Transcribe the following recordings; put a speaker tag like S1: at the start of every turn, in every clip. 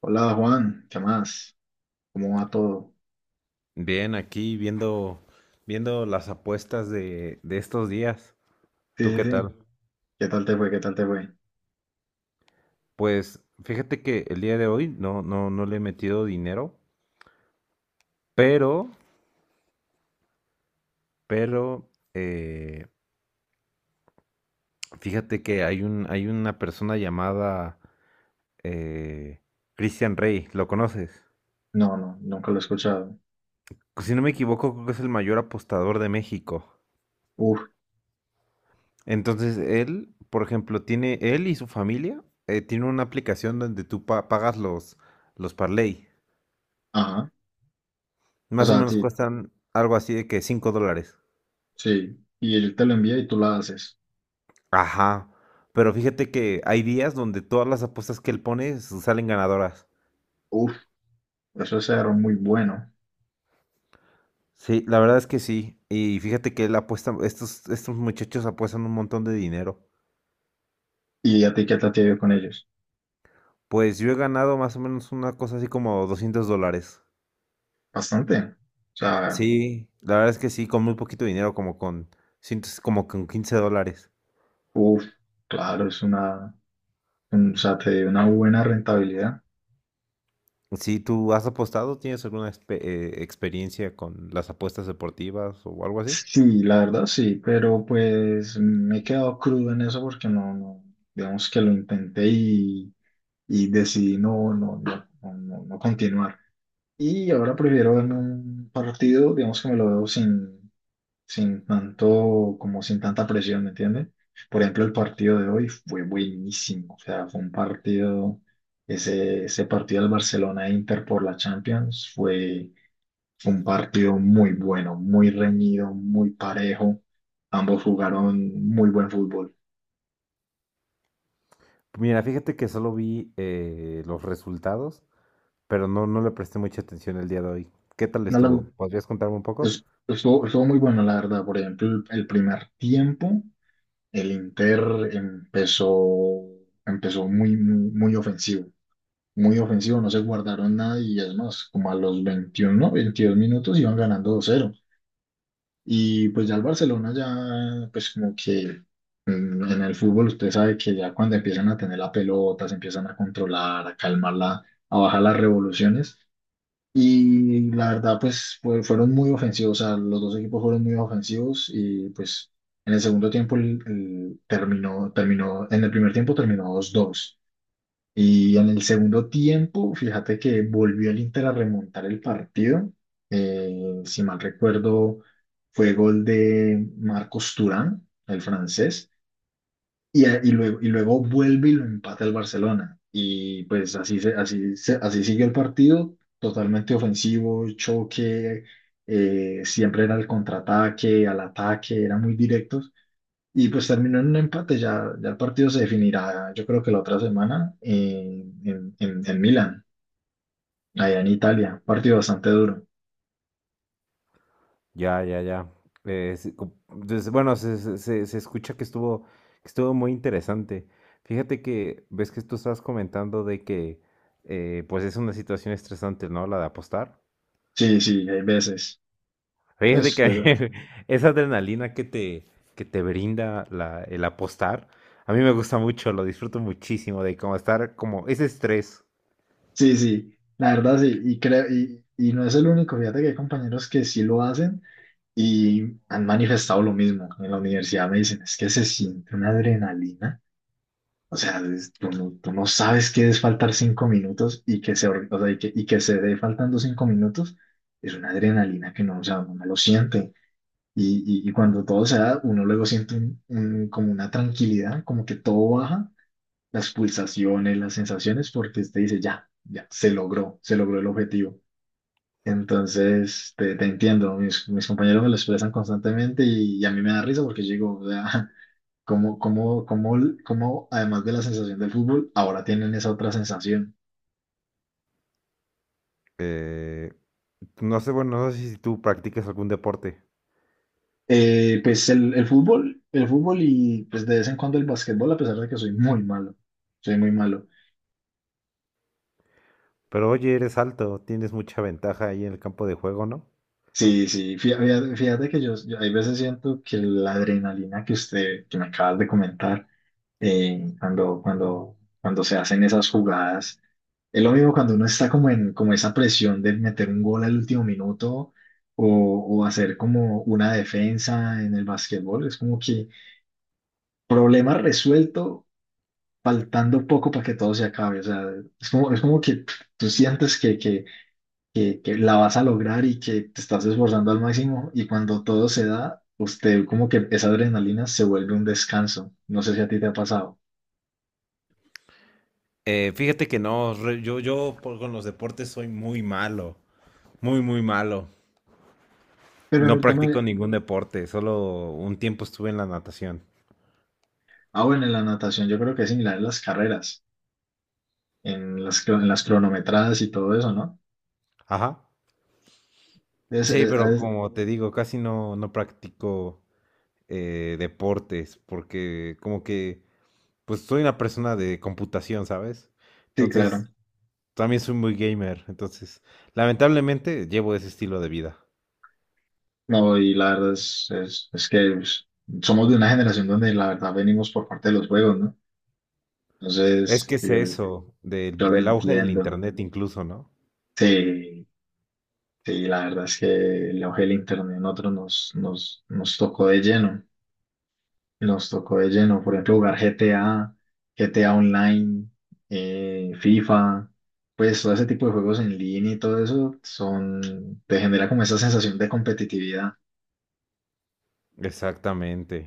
S1: Hola Juan, ¿qué más? ¿Cómo va todo?
S2: Bien, aquí viendo, viendo las apuestas de estos días.
S1: Sí,
S2: ¿Tú qué
S1: sí, sí.
S2: tal?
S1: ¿Qué tal te fue? ¿Qué tal te fue?
S2: Pues fíjate que el día de hoy no le he metido dinero, pero, pero, eh, fíjate que hay una persona llamada eh, Christian Rey, ¿lo conoces?
S1: No, no, nunca lo he escuchado.
S2: Pues, si no me equivoco, creo que es el mayor apostador de México.
S1: Uf,
S2: Entonces, él, por ejemplo, él y su familia, tiene una aplicación donde tú pagas los parlay.
S1: ajá. O
S2: Más o
S1: sea,
S2: menos
S1: sí,
S2: cuestan algo así de que 5 dólares.
S1: sí. Y él te lo envía y tú la haces.
S2: Ajá. Pero fíjate que hay días donde todas las apuestas que él pone salen ganadoras.
S1: Uf, eso es algo muy bueno.
S2: Sí, la verdad es que sí. Y fíjate que él apuesta, estos muchachos apuestan un montón de dinero.
S1: ¿Y a ti qué tal te ha ido con ellos?
S2: Pues yo he ganado más o menos una cosa así como 200 dólares.
S1: Bastante. O sea,
S2: Sí, la verdad es que sí, con muy poquito dinero, como con, como con quince dólares.
S1: uf, claro, es una, o sea, te dio una buena rentabilidad.
S2: Si, ¿tú has apostado? ¿Tienes alguna experiencia con las apuestas deportivas o algo así?
S1: Sí, la verdad sí, pero pues me he quedado crudo en eso porque no, no, digamos que lo intenté y decidí no, no, no, no, no continuar. Y ahora prefiero verme un partido, digamos que me lo veo sin, sin tanto, como sin tanta presión, ¿me entiendes? Por ejemplo, el partido de hoy fue buenísimo, o sea, fue un partido, ese partido del Barcelona-Inter por la Champions fue, fue un partido muy bueno, muy reñido, muy parejo, ambos jugaron muy buen fútbol.
S2: Mira, fíjate que solo vi los resultados, pero no, no le presté mucha atención el día de hoy. ¿Qué tal
S1: No,
S2: estuvo? ¿Podrías contarme un poco?
S1: estuvo, estuvo muy bueno, la verdad, por ejemplo, el primer tiempo. El Inter empezó, empezó muy, muy, muy ofensivo, no se guardaron nada y es más, como a los 21, 22 minutos iban ganando 2-0. Y pues ya el Barcelona ya, pues como que en el fútbol usted sabe que ya cuando empiezan a tener la pelota, se empiezan a controlar, a calmarla, a bajar las revoluciones, y la verdad, pues fueron muy ofensivos, o sea, los dos equipos fueron muy ofensivos y pues en el segundo tiempo el terminó, terminó, en el primer tiempo terminó dos dos y en el segundo tiempo, fíjate que volvió el Inter a remontar el partido. Si mal recuerdo, fue gol de Marcos Thuram, el francés, y luego vuelve y lo empata el Barcelona. Y pues así, así, así siguió el partido, totalmente ofensivo, choque, siempre era el contraataque, al ataque, eran muy directos. Y pues terminó en un empate, ya, ya el partido se definirá, yo creo que la otra semana, en Milán, allá en Italia. Partido bastante duro.
S2: Ya, ya, ya. Sí, bueno, se escucha que estuvo muy interesante. Fíjate que ves que tú estabas comentando de que pues es una situación estresante, ¿no? La de apostar.
S1: Sí, sí, hay veces.
S2: Fíjate
S1: Pues,
S2: que
S1: pues,
S2: esa adrenalina que te brinda el apostar, a mí me gusta mucho, lo disfruto muchísimo de como estar como ese estrés.
S1: sí, sí, la verdad sí, y creo, y no es el único, fíjate que hay compañeros que sí lo hacen y han manifestado lo mismo. En la universidad me dicen, es que se siente una adrenalina. O sea, tú no sabes qué es faltar 5 minutos y que se, o sea, y que se dé faltando 5 minutos. Es una adrenalina que no, o sea, uno no lo siente. Y, y cuando todo se da, uno luego siente como una tranquilidad, como que todo baja, las pulsaciones, las sensaciones, porque usted dice, ya, ya, se logró el objetivo. Entonces, te entiendo, mis, mis compañeros me lo expresan constantemente y a mí me da risa porque yo digo, o sea, ¿cómo, cómo, cómo, cómo, además de la sensación del fútbol, ahora tienen esa otra sensación?
S2: Eh, no sé, bueno, no sé si tú practicas algún deporte,
S1: Pues el fútbol y pues de vez en cuando el básquetbol, a pesar de que soy muy malo, soy muy malo.
S2: pero oye, eres alto, tienes mucha ventaja ahí en el campo de juego, ¿no?
S1: Sí, sí, fíjate, fíjate que yo hay veces siento que la adrenalina que usted, que me acabas de comentar, cuando, cuando, cuando se hacen esas jugadas. Es lo mismo cuando uno está como en como esa presión de meter un gol al último minuto o, o hacer como una defensa en el básquetbol. Es como que problema resuelto, faltando poco para que todo se acabe. O sea, es como que tú sientes que la vas a lograr y que te estás esforzando al máximo y cuando todo se da, usted como que esa adrenalina se vuelve un descanso. No sé si a ti te ha pasado.
S2: Fíjate que no, yo, con los deportes soy muy malo, muy, muy malo.
S1: Pero en
S2: No
S1: el tema,
S2: practico ningún deporte, solo un tiempo estuve en la natación.
S1: ah, bueno, en la natación yo creo que es similar en las carreras, en las, en las cronometradas y todo eso, ¿no?
S2: Ajá.
S1: Es,
S2: Sí,
S1: es-
S2: pero
S1: es-
S2: como te digo, casi no, no practico deportes porque como que, pues soy una persona de computación, ¿sabes?
S1: sí, claro.
S2: Entonces, también soy muy gamer, entonces lamentablemente llevo ese estilo de vida.
S1: No, y la verdad es que pues, somos de una generación donde la verdad venimos por parte de los juegos, ¿no?
S2: Es
S1: Entonces,
S2: que es
S1: yo,
S2: eso, del
S1: yo lo
S2: el auge del
S1: entiendo.
S2: internet incluso, ¿no?
S1: Sí, sí, la verdad es que el auge del internet a nosotros nos tocó de lleno. Nos tocó de lleno, por ejemplo, jugar GTA, GTA Online, FIFA, pues todo ese tipo de juegos en línea y todo eso son, te genera como esa sensación de competitividad.
S2: Exactamente.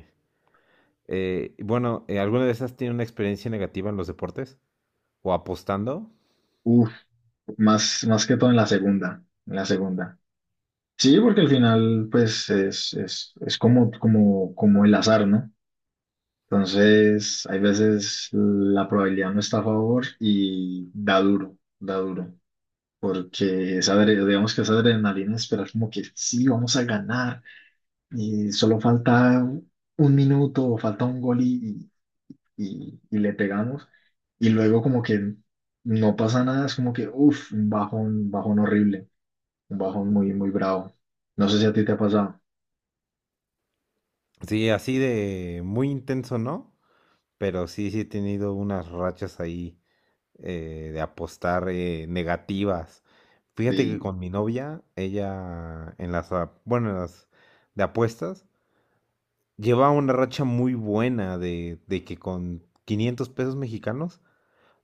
S2: Bueno, ¿alguna de esas tiene una experiencia negativa en los deportes? ¿O apostando?
S1: Uf, más, más que todo en la segunda, en la segunda. Sí, porque al final, pues, es como, como, como el azar, ¿no? Entonces, hay veces la probabilidad no está a favor y da duro, da duro. Porque esa, digamos que esa adrenalina de esperar como que sí, vamos a ganar y solo falta un minuto o falta un gol y, y le pegamos y luego como que no pasa nada, es como que, uff, un bajón horrible, un bajón muy, muy bravo. No sé si a ti te ha pasado,
S2: Sí, así de muy intenso, ¿no? Pero sí, sí he tenido unas rachas ahí de apostar negativas. Fíjate que
S1: sí,
S2: con mi novia, ella en bueno, en las de apuestas, lleva una racha muy buena de que con 500 pesos mexicanos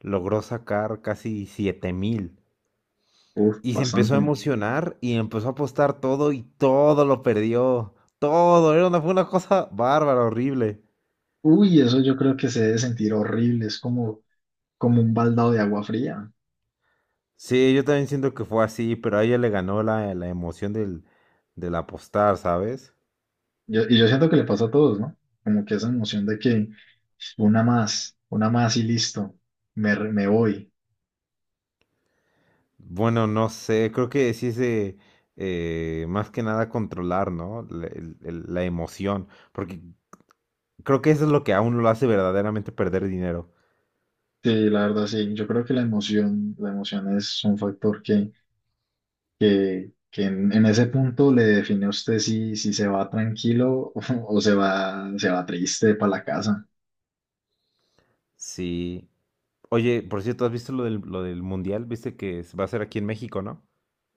S2: logró sacar casi 7 mil.
S1: uff,
S2: Y se empezó a
S1: bastante.
S2: emocionar y empezó a apostar todo y todo lo perdió. Todo, era una, fue una cosa bárbara, horrible.
S1: Uy, eso yo creo que se debe sentir horrible, es como, como un baldado de agua fría.
S2: Sí, yo también siento que fue así, pero a ella le ganó la emoción del apostar, ¿sabes?
S1: Y yo siento que le pasa a todos, ¿no? Como que esa emoción de que una más y listo, me, me voy.
S2: Bueno, no sé, creo que sí es más que nada controlar, ¿no? La emoción, porque creo que eso es lo que aún lo hace verdaderamente perder dinero.
S1: Sí, la verdad, sí. Yo creo que la emoción es un factor que en ese punto le define a usted si, si se va tranquilo o se va triste para la casa.
S2: Sí. Oye, por cierto, ¿has visto lo del mundial? ¿Viste que se va a hacer aquí en México, no?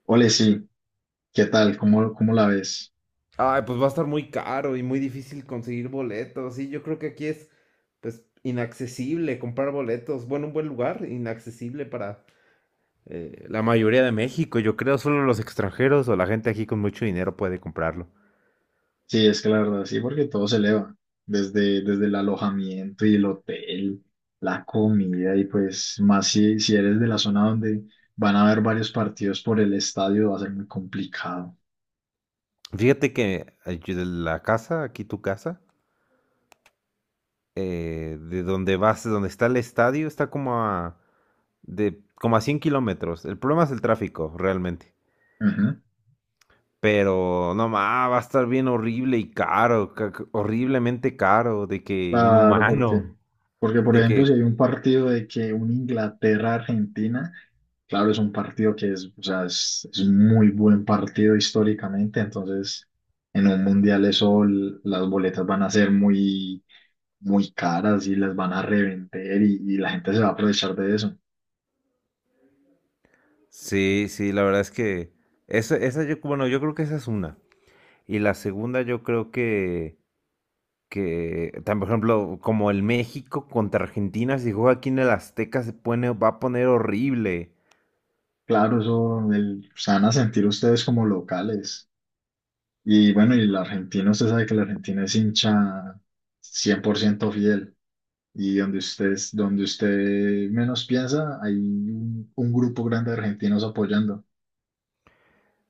S1: Ole, sí, ¿qué tal? ¿Cómo, cómo la ves?
S2: Ay, pues va a estar muy caro y muy difícil conseguir boletos. Sí, yo creo que aquí es, pues, inaccesible comprar boletos. Bueno, un buen lugar, inaccesible para la mayoría de México. Yo creo solo los extranjeros o la gente aquí con mucho dinero puede comprarlo.
S1: Sí, es que la verdad, sí, porque todo se eleva, desde, desde el alojamiento y el hotel, la comida, y pues más si, si eres de la zona donde van a haber varios partidos por el estadio, va a ser muy complicado.
S2: Fíjate que yo de la casa, aquí tu casa, de donde está el estadio, está como a de como a 100 km. El problema es el tráfico, realmente.
S1: Ujú.
S2: Pero no más, va a estar bien horrible y caro, horriblemente caro, de que
S1: Claro, porque,
S2: inhumano,
S1: porque por
S2: de
S1: ejemplo, si
S2: que...
S1: hay un partido de que un Inglaterra-Argentina, claro, es un partido que es, o sea, es un muy buen partido históricamente, entonces en un mundial eso, las boletas van a ser muy, muy caras y las van a revender y la gente se va a aprovechar de eso.
S2: Sí, sí, la verdad es que esa yo, bueno, yo creo que esa es una. Y la segunda yo creo que, por ejemplo, como el México contra Argentina, si juega aquí en el Azteca va a poner horrible.
S1: Claro, eso se van a sentir ustedes como locales. Y bueno, y la Argentina, usted sabe que la Argentina es hincha 100% fiel. Y donde ustedes, donde usted menos piensa, hay un grupo grande de argentinos apoyando,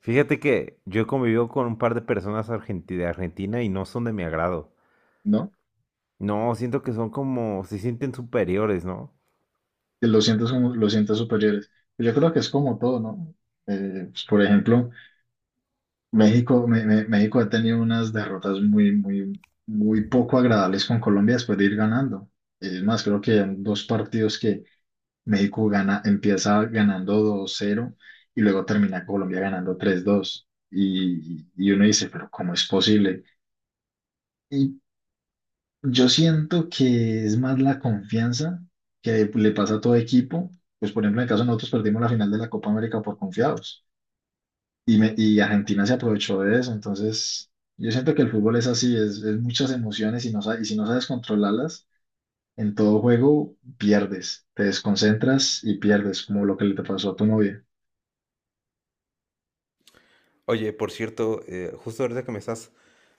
S2: Fíjate que yo he convivido con un par de personas de Argentina y no son de mi agrado.
S1: ¿no?
S2: No, siento que son como, se sienten superiores, ¿no?
S1: Que lo sientas como, lo sientas superiores. Yo creo que es como todo, ¿no? Pues, por ejemplo, México, México ha tenido unas derrotas muy, muy, muy poco agradables con Colombia después de ir ganando. Es más, creo que en dos partidos que México gana, empieza ganando 2-0 y luego termina Colombia ganando 3-2. Y uno dice, pero ¿cómo es posible? Y yo siento que es más la confianza que le pasa a todo equipo. Pues, por ejemplo, en el caso de nosotros perdimos la final de la Copa América por confiados y, y Argentina se aprovechó de eso. Entonces, yo siento que el fútbol es así, es muchas emociones y, no, y si no sabes controlarlas, en todo juego pierdes, te desconcentras y pierdes, como lo que le te pasó a tu novia.
S2: Oye, por cierto, justo ahorita que me estás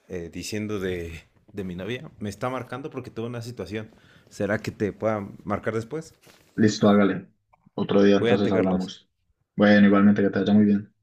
S2: diciendo de mi novia, me está marcando porque tuve una situación. ¿Será que te pueda marcar después?
S1: Listo, hágale. Otro día entonces
S2: Cuídate, Carlos.
S1: hablamos. Bueno, igualmente que te vaya muy bien.